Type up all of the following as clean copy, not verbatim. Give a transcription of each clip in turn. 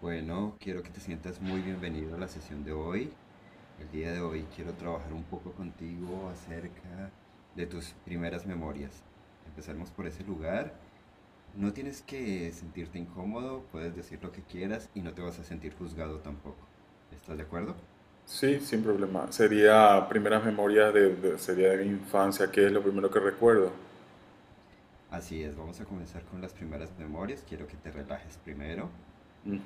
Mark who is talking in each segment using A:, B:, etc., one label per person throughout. A: Bueno, quiero que te sientas muy bienvenido a la sesión de hoy. El día de hoy quiero trabajar un poco contigo acerca de tus primeras memorias. Empezaremos por ese lugar. No tienes que sentirte incómodo, puedes decir lo que quieras y no te vas a sentir juzgado tampoco. ¿Estás de acuerdo?
B: Sí, sin problema. Sería primeras memorias sería de mi infancia. ¿Qué es lo primero que recuerdo?
A: Así es, vamos a comenzar con las primeras memorias. Quiero que te relajes primero.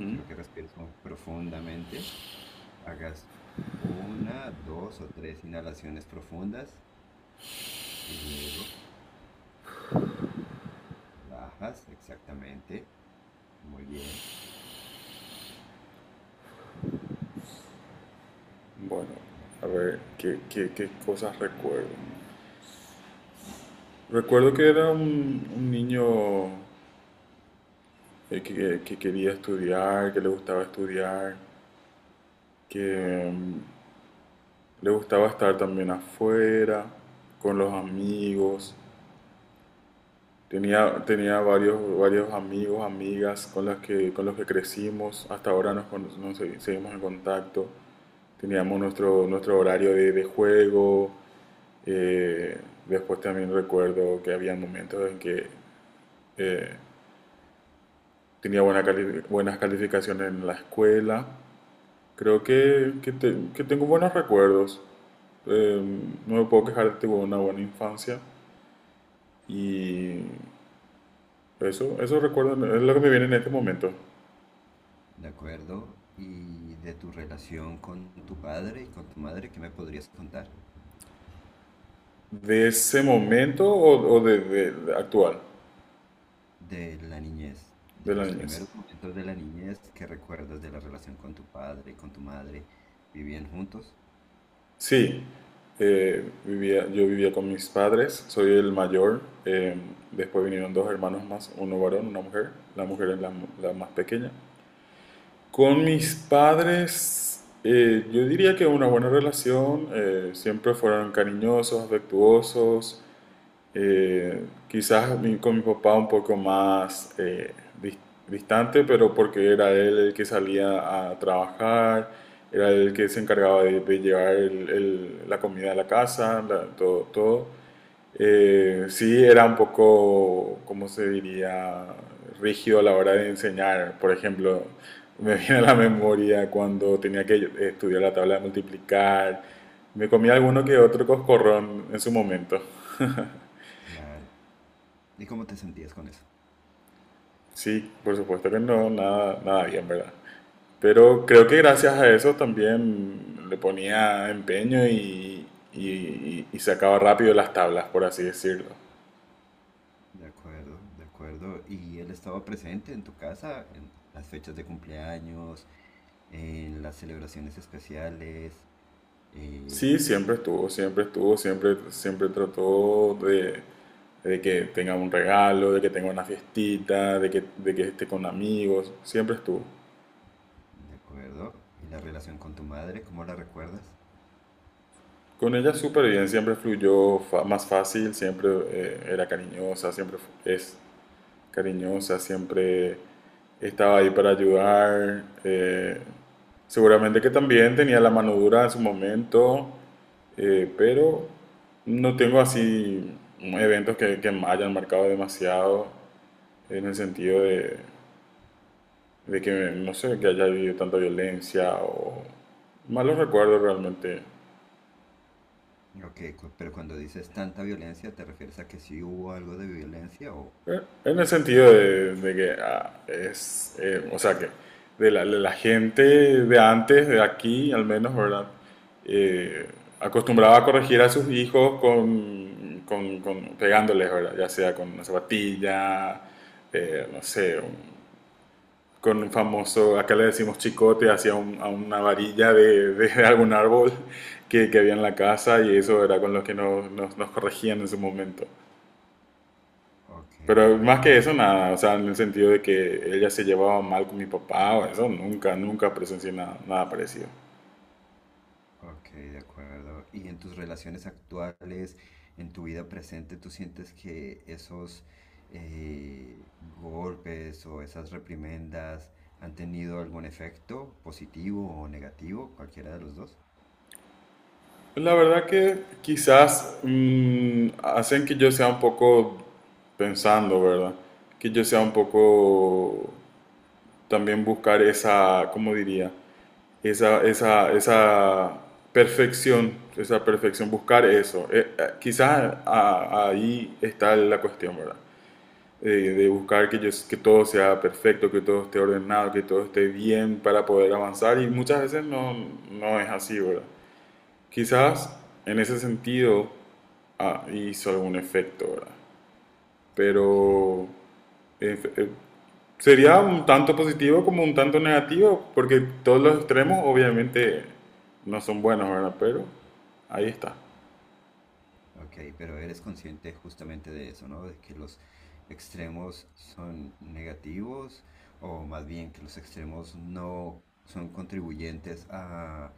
A: Quiero que respires profundamente. Hagas una, dos o tres inhalaciones profundas y luego. Relajas, exactamente. Muy bien,
B: Bueno,
A: de
B: a ver,
A: acuerdo.
B: ¿qué cosas recuerdo? Recuerdo que era un niño que quería estudiar, que le gustaba estudiar, que mm, le gustaba estar también afuera, con los amigos. Tenía varios amigos, amigas con las que, con los que crecimos. Hasta ahora nos, cono- nos segui- seguimos en contacto. Teníamos nuestro horario de juego. eh, Después también recuerdo que había momentos en que eh, tenía buenas calificaciones en la escuela. Creo que, que tengo buenos recuerdos. Eh, no me puedo quejar, tuve una buena infancia. Y eso recuerdo, es lo que me viene en este momento.
A: De acuerdo. ¿Y de tu relación con tu padre y con tu madre, qué me podrías contar?
B: ¿De ese momento o, de actual,
A: De la niñez,
B: de
A: de
B: la
A: los
B: niñez?
A: primeros momentos de la niñez que recuerdas de la relación con tu padre y con tu madre. ¿Vivían juntos?
B: Sí, yo vivía con mis padres, soy el mayor. Después vinieron dos hermanos más, uno varón, una mujer. La mujer es la más pequeña. Con mis padres, yo diría que una buena relación. Siempre fueron cariñosos, afectuosos. Quizás con mi papá un poco más dis- distante, pero porque era él el que salía a trabajar, era él el que se encargaba de llevar la comida a la casa, todo, todo. Sí, era un poco, ¿cómo se diría? Rígido a la hora de enseñar. Por ejemplo, me viene a la memoria cuando tenía que estudiar la tabla de multiplicar. Me comía alguno que otro coscorrón en su momento.
A: Claro. ¿Y cómo te sentías con eso?
B: Sí, por supuesto que no, nada, nada bien, ¿verdad? Pero creo que gracias a eso también le ponía empeño y sacaba rápido las tablas, por así decirlo.
A: De acuerdo, de acuerdo. ¿Y él estaba presente en tu casa, en las fechas de cumpleaños, en las celebraciones especiales? eh,
B: Sí, siempre estuvo, siempre estuvo, siempre, siempre trató de que tenga un regalo, de que tenga una fiestita, de que esté con amigos, siempre estuvo.
A: De acuerdo. ¿Y la relación con tu madre, cómo la recuerdas?
B: Con ella súper bien, siempre fluyó más fácil. Siempre era cariñosa, siempre es cariñosa, siempre estaba ahí para ayudar. Seguramente que también tenía la mano dura en su momento. Pero no tengo así eventos que me hayan marcado demasiado en el sentido de que, no sé, que haya habido tanta violencia o malos recuerdos realmente.
A: Ok, pero cuando dices tanta violencia, ¿te refieres a que sí hubo algo de violencia o?
B: En el sentido de, o sea, que de la gente de antes, de aquí al menos, ¿verdad? Eh, Acostumbraba a corregir a sus hijos con, pegándoles, ¿verdad? Ya sea con una zapatilla, no sé, con un famoso, acá le decimos chicote, a una varilla de algún árbol que había en la casa, y eso era con lo que nos corregían en su momento.
A: Ok,
B: Pero
A: de
B: más que
A: acuerdo.
B: eso, nada. O sea, en el sentido de que ella se llevaba mal con mi papá, o eso, nunca, nunca presencié nada, nada parecido.
A: Ok, de acuerdo. ¿Y en tus relaciones actuales, en tu vida presente, tú sientes que esos golpes o esas reprimendas han tenido algún efecto positivo o negativo, cualquiera de los dos?
B: La verdad que quizás hacen que yo sea un poco pensando, ¿verdad? Que yo sea un poco también buscar esa, ¿cómo diría? Esa, esa, esa esa perfección, buscar eso. Quizás ahí está la cuestión, ¿verdad? De buscar que, yo, que todo sea perfecto, que todo esté ordenado, que todo esté bien para poder avanzar, y muchas veces no, no es así, ¿verdad? Quizás en ese sentido hizo algún efecto, ¿verdad?
A: Ok.
B: Pero eh, eh, sería un tanto positivo como un tanto negativo, porque todos los extremos obviamente no son buenos, ¿verdad? Pero ahí está,
A: Ok, pero eres consciente justamente de eso, ¿no? De que los extremos son negativos o más bien que los extremos no son contribuyentes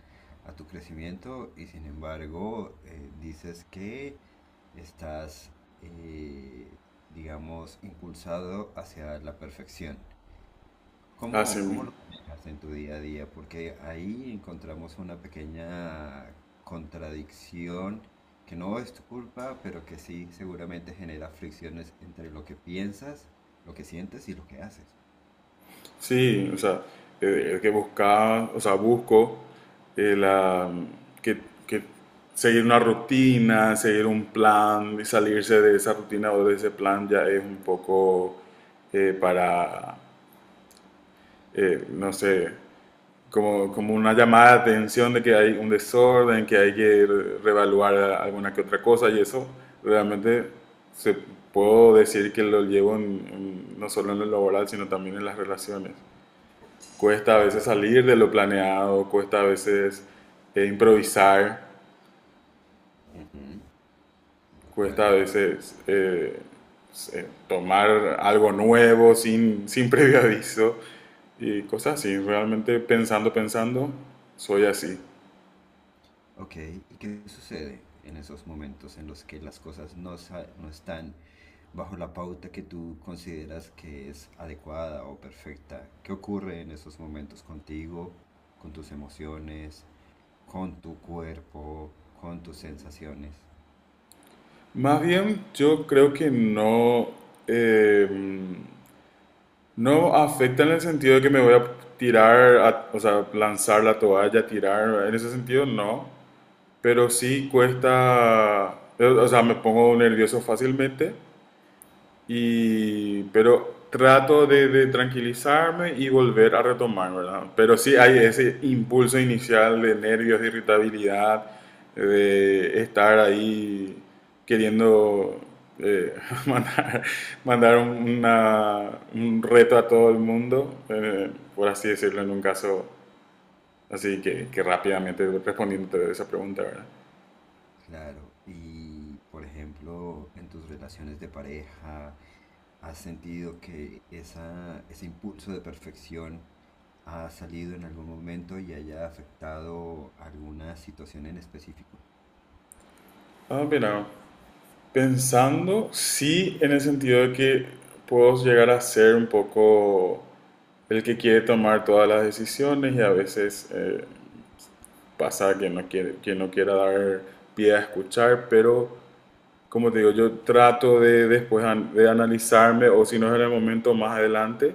A: a tu crecimiento y sin embargo dices que estás, eh, digamos, impulsado hacia la perfección.
B: así
A: ¿Cómo, cómo
B: mismo.
A: lo manejas en tu día a día? Porque ahí encontramos una pequeña contradicción que no es tu culpa, pero que sí seguramente genera fricciones entre lo que piensas, lo que sientes y lo que haces.
B: Sí, o sea, el que buscaba, o sea, busco eh, la- que, que seguir una rutina, seguir un plan, y salirse de esa rutina o de ese plan ya es un poco eh, para, no sé, como, como una llamada de atención de que hay un desorden, que hay que reevaluar alguna que otra cosa, y eso realmente se puedo decir que lo llevo no solo en lo laboral, sino también en las relaciones. Cuesta a
A: Ok,
B: veces salir de lo planeado, cuesta a veces improvisar,
A: de
B: cuesta a
A: acuerdo.
B: veces tomar algo nuevo sin, sin previo aviso y cosas así. Realmente pensando, pensando, soy así.
A: Ok, ¿y qué sucede en esos momentos en los que las cosas no están bajo la pauta que tú consideras que es adecuada o perfecta? ¿Qué ocurre en esos momentos contigo, con tus emociones, con tu cuerpo, con tus sensaciones?
B: Más bien, yo creo que no, eh, no afecta en el sentido de que me voy a tirar, o sea, lanzar la toalla, tirar, en ese sentido no. Pero sí cuesta, o sea, me pongo nervioso fácilmente, y, pero trato de tranquilizarme y volver a retomar, ¿verdad? Pero sí hay ese impulso inicial de nervios, de irritabilidad, de estar ahí queriendo eh, mandar, mandar una, un reto a todo el mundo, por así decirlo, en un caso así que rápidamente respondiendo a esa pregunta, ¿verdad?
A: Claro, y por ejemplo, en tus relaciones de pareja, ¿has sentido que esa, ese impulso de perfección ha salido en algún momento y haya afectado alguna situación en específico?
B: Ah, mira. Pensando, sí, en el sentido de que puedo llegar a ser un poco el que quiere tomar todas las decisiones, y a veces pasa que no quiere, que no quiera dar pie a escuchar, pero como te digo, yo trato de después de analizarme, o si no es en el momento más adelante,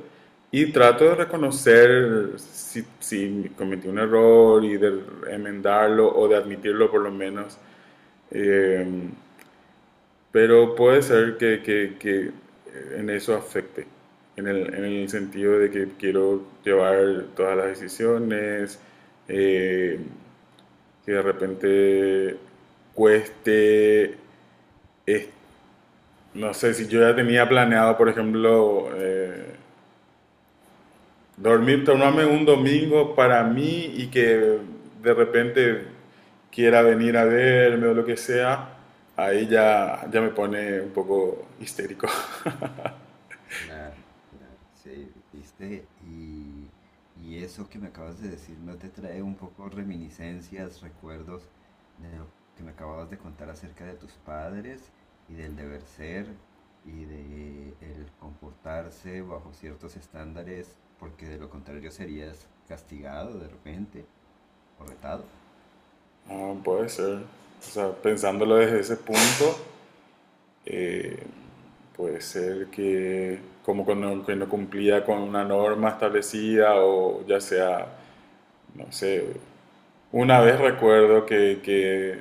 B: y trato de reconocer si, si cometí un error y de enmendarlo o de admitirlo por lo menos. Eh, pero puede ser que, en eso afecte, en el sentido de que quiero llevar todas las decisiones. eh, que de repente cueste, es- no sé, si yo ya tenía planeado, por ejemplo, dormir, tomarme un domingo para mí, y que de repente quiera venir a verme o lo que sea, ahí ya, ya me pone un poco histérico.
A: Claro, claro, sí, viste, y eso que me acabas de decir no te trae un poco reminiscencias, recuerdos de lo que me acababas de contar acerca de tus padres y del deber ser y de el comportarse bajo ciertos estándares, porque de lo contrario serías castigado de repente o retado.
B: Ah, puede ser. O sea, pensándolo desde ese punto, eh, puede ser que como que no cumplía con una norma establecida, o ya sea, no sé, una vez recuerdo que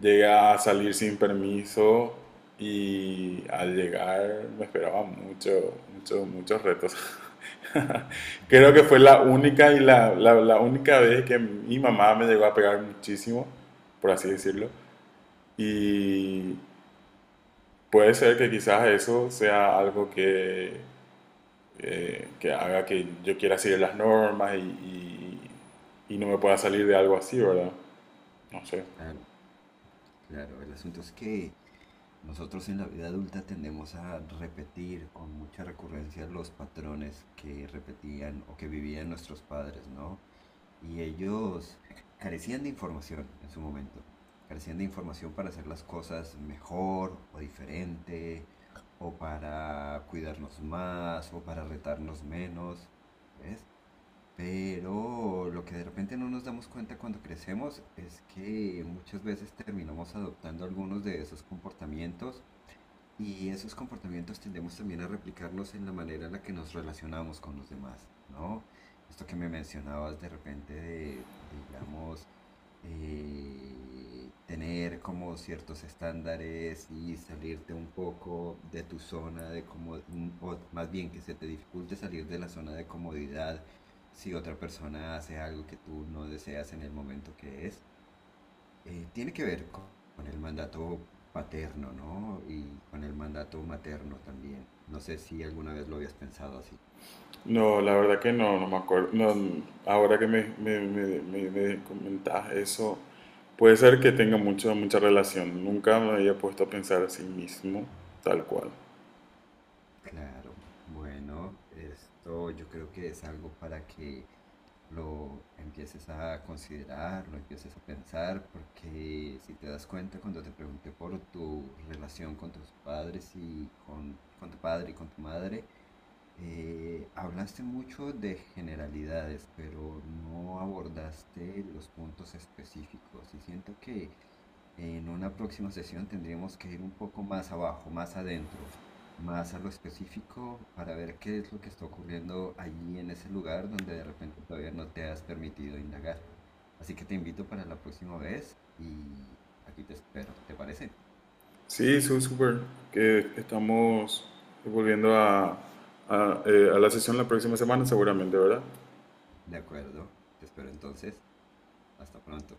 B: llega a salir sin permiso, y al llegar me esperaban mucho, mucho, muchos retos. Creo que
A: Ujú,
B: fue la única, y la única vez que mi mamá me llegó a pegar muchísimo, por así decirlo.
A: sí,
B: Y puede ser que quizás eso sea algo que haga que yo quiera seguir las normas, y no me pueda salir de algo así, ¿verdad? No sé.
A: claro, claro. El asunto es que nosotros en la vida adulta tendemos a repetir con mucha recurrencia los patrones que repetían o que vivían nuestros padres, ¿no? Y ellos carecían de información en su momento, carecían de información para hacer las cosas mejor o diferente, o para cuidarnos más, o para retarnos menos, ¿ves? Pero lo que de repente no nos damos cuenta cuando crecemos es que muchas veces terminamos adoptando algunos de esos comportamientos y esos comportamientos tendemos también a replicarnos en la manera en la que nos relacionamos con los demás, ¿no? Esto que me mencionabas de repente digamos, tener como ciertos estándares y salirte un poco de tu zona de comodidad, o más bien que se te dificulte salir de la zona de comodidad si otra persona hace algo que tú no deseas en el momento que es tiene que ver con el mandato paterno, ¿no? Y con el mandato materno también. No sé si alguna vez lo habías pensado así.
B: No, la verdad que no, no me acuerdo. No, ahora que me comentas eso, puede ser que tenga mucho, mucha relación. Nunca me había puesto a pensar así mismo, tal cual.
A: Claro, bueno, esto yo creo que es algo para que lo empieces a considerar, lo empieces a pensar, porque si te das cuenta cuando te pregunté por tu relación con tus padres y con tu padre y con tu madre, hablaste mucho de generalidades, pero no abordaste los puntos específicos y siento que en una próxima sesión tendríamos que ir un poco más abajo, más adentro, más a lo específico para ver qué es lo que está ocurriendo allí en ese lugar donde de repente todavía no te has permitido indagar. Así que te invito para la próxima vez y aquí te espero, ¿te parece?
B: Sí, súper. Que estamos volviendo a, a la sesión la próxima semana, seguramente, ¿verdad?
A: De acuerdo, te espero entonces. Hasta pronto.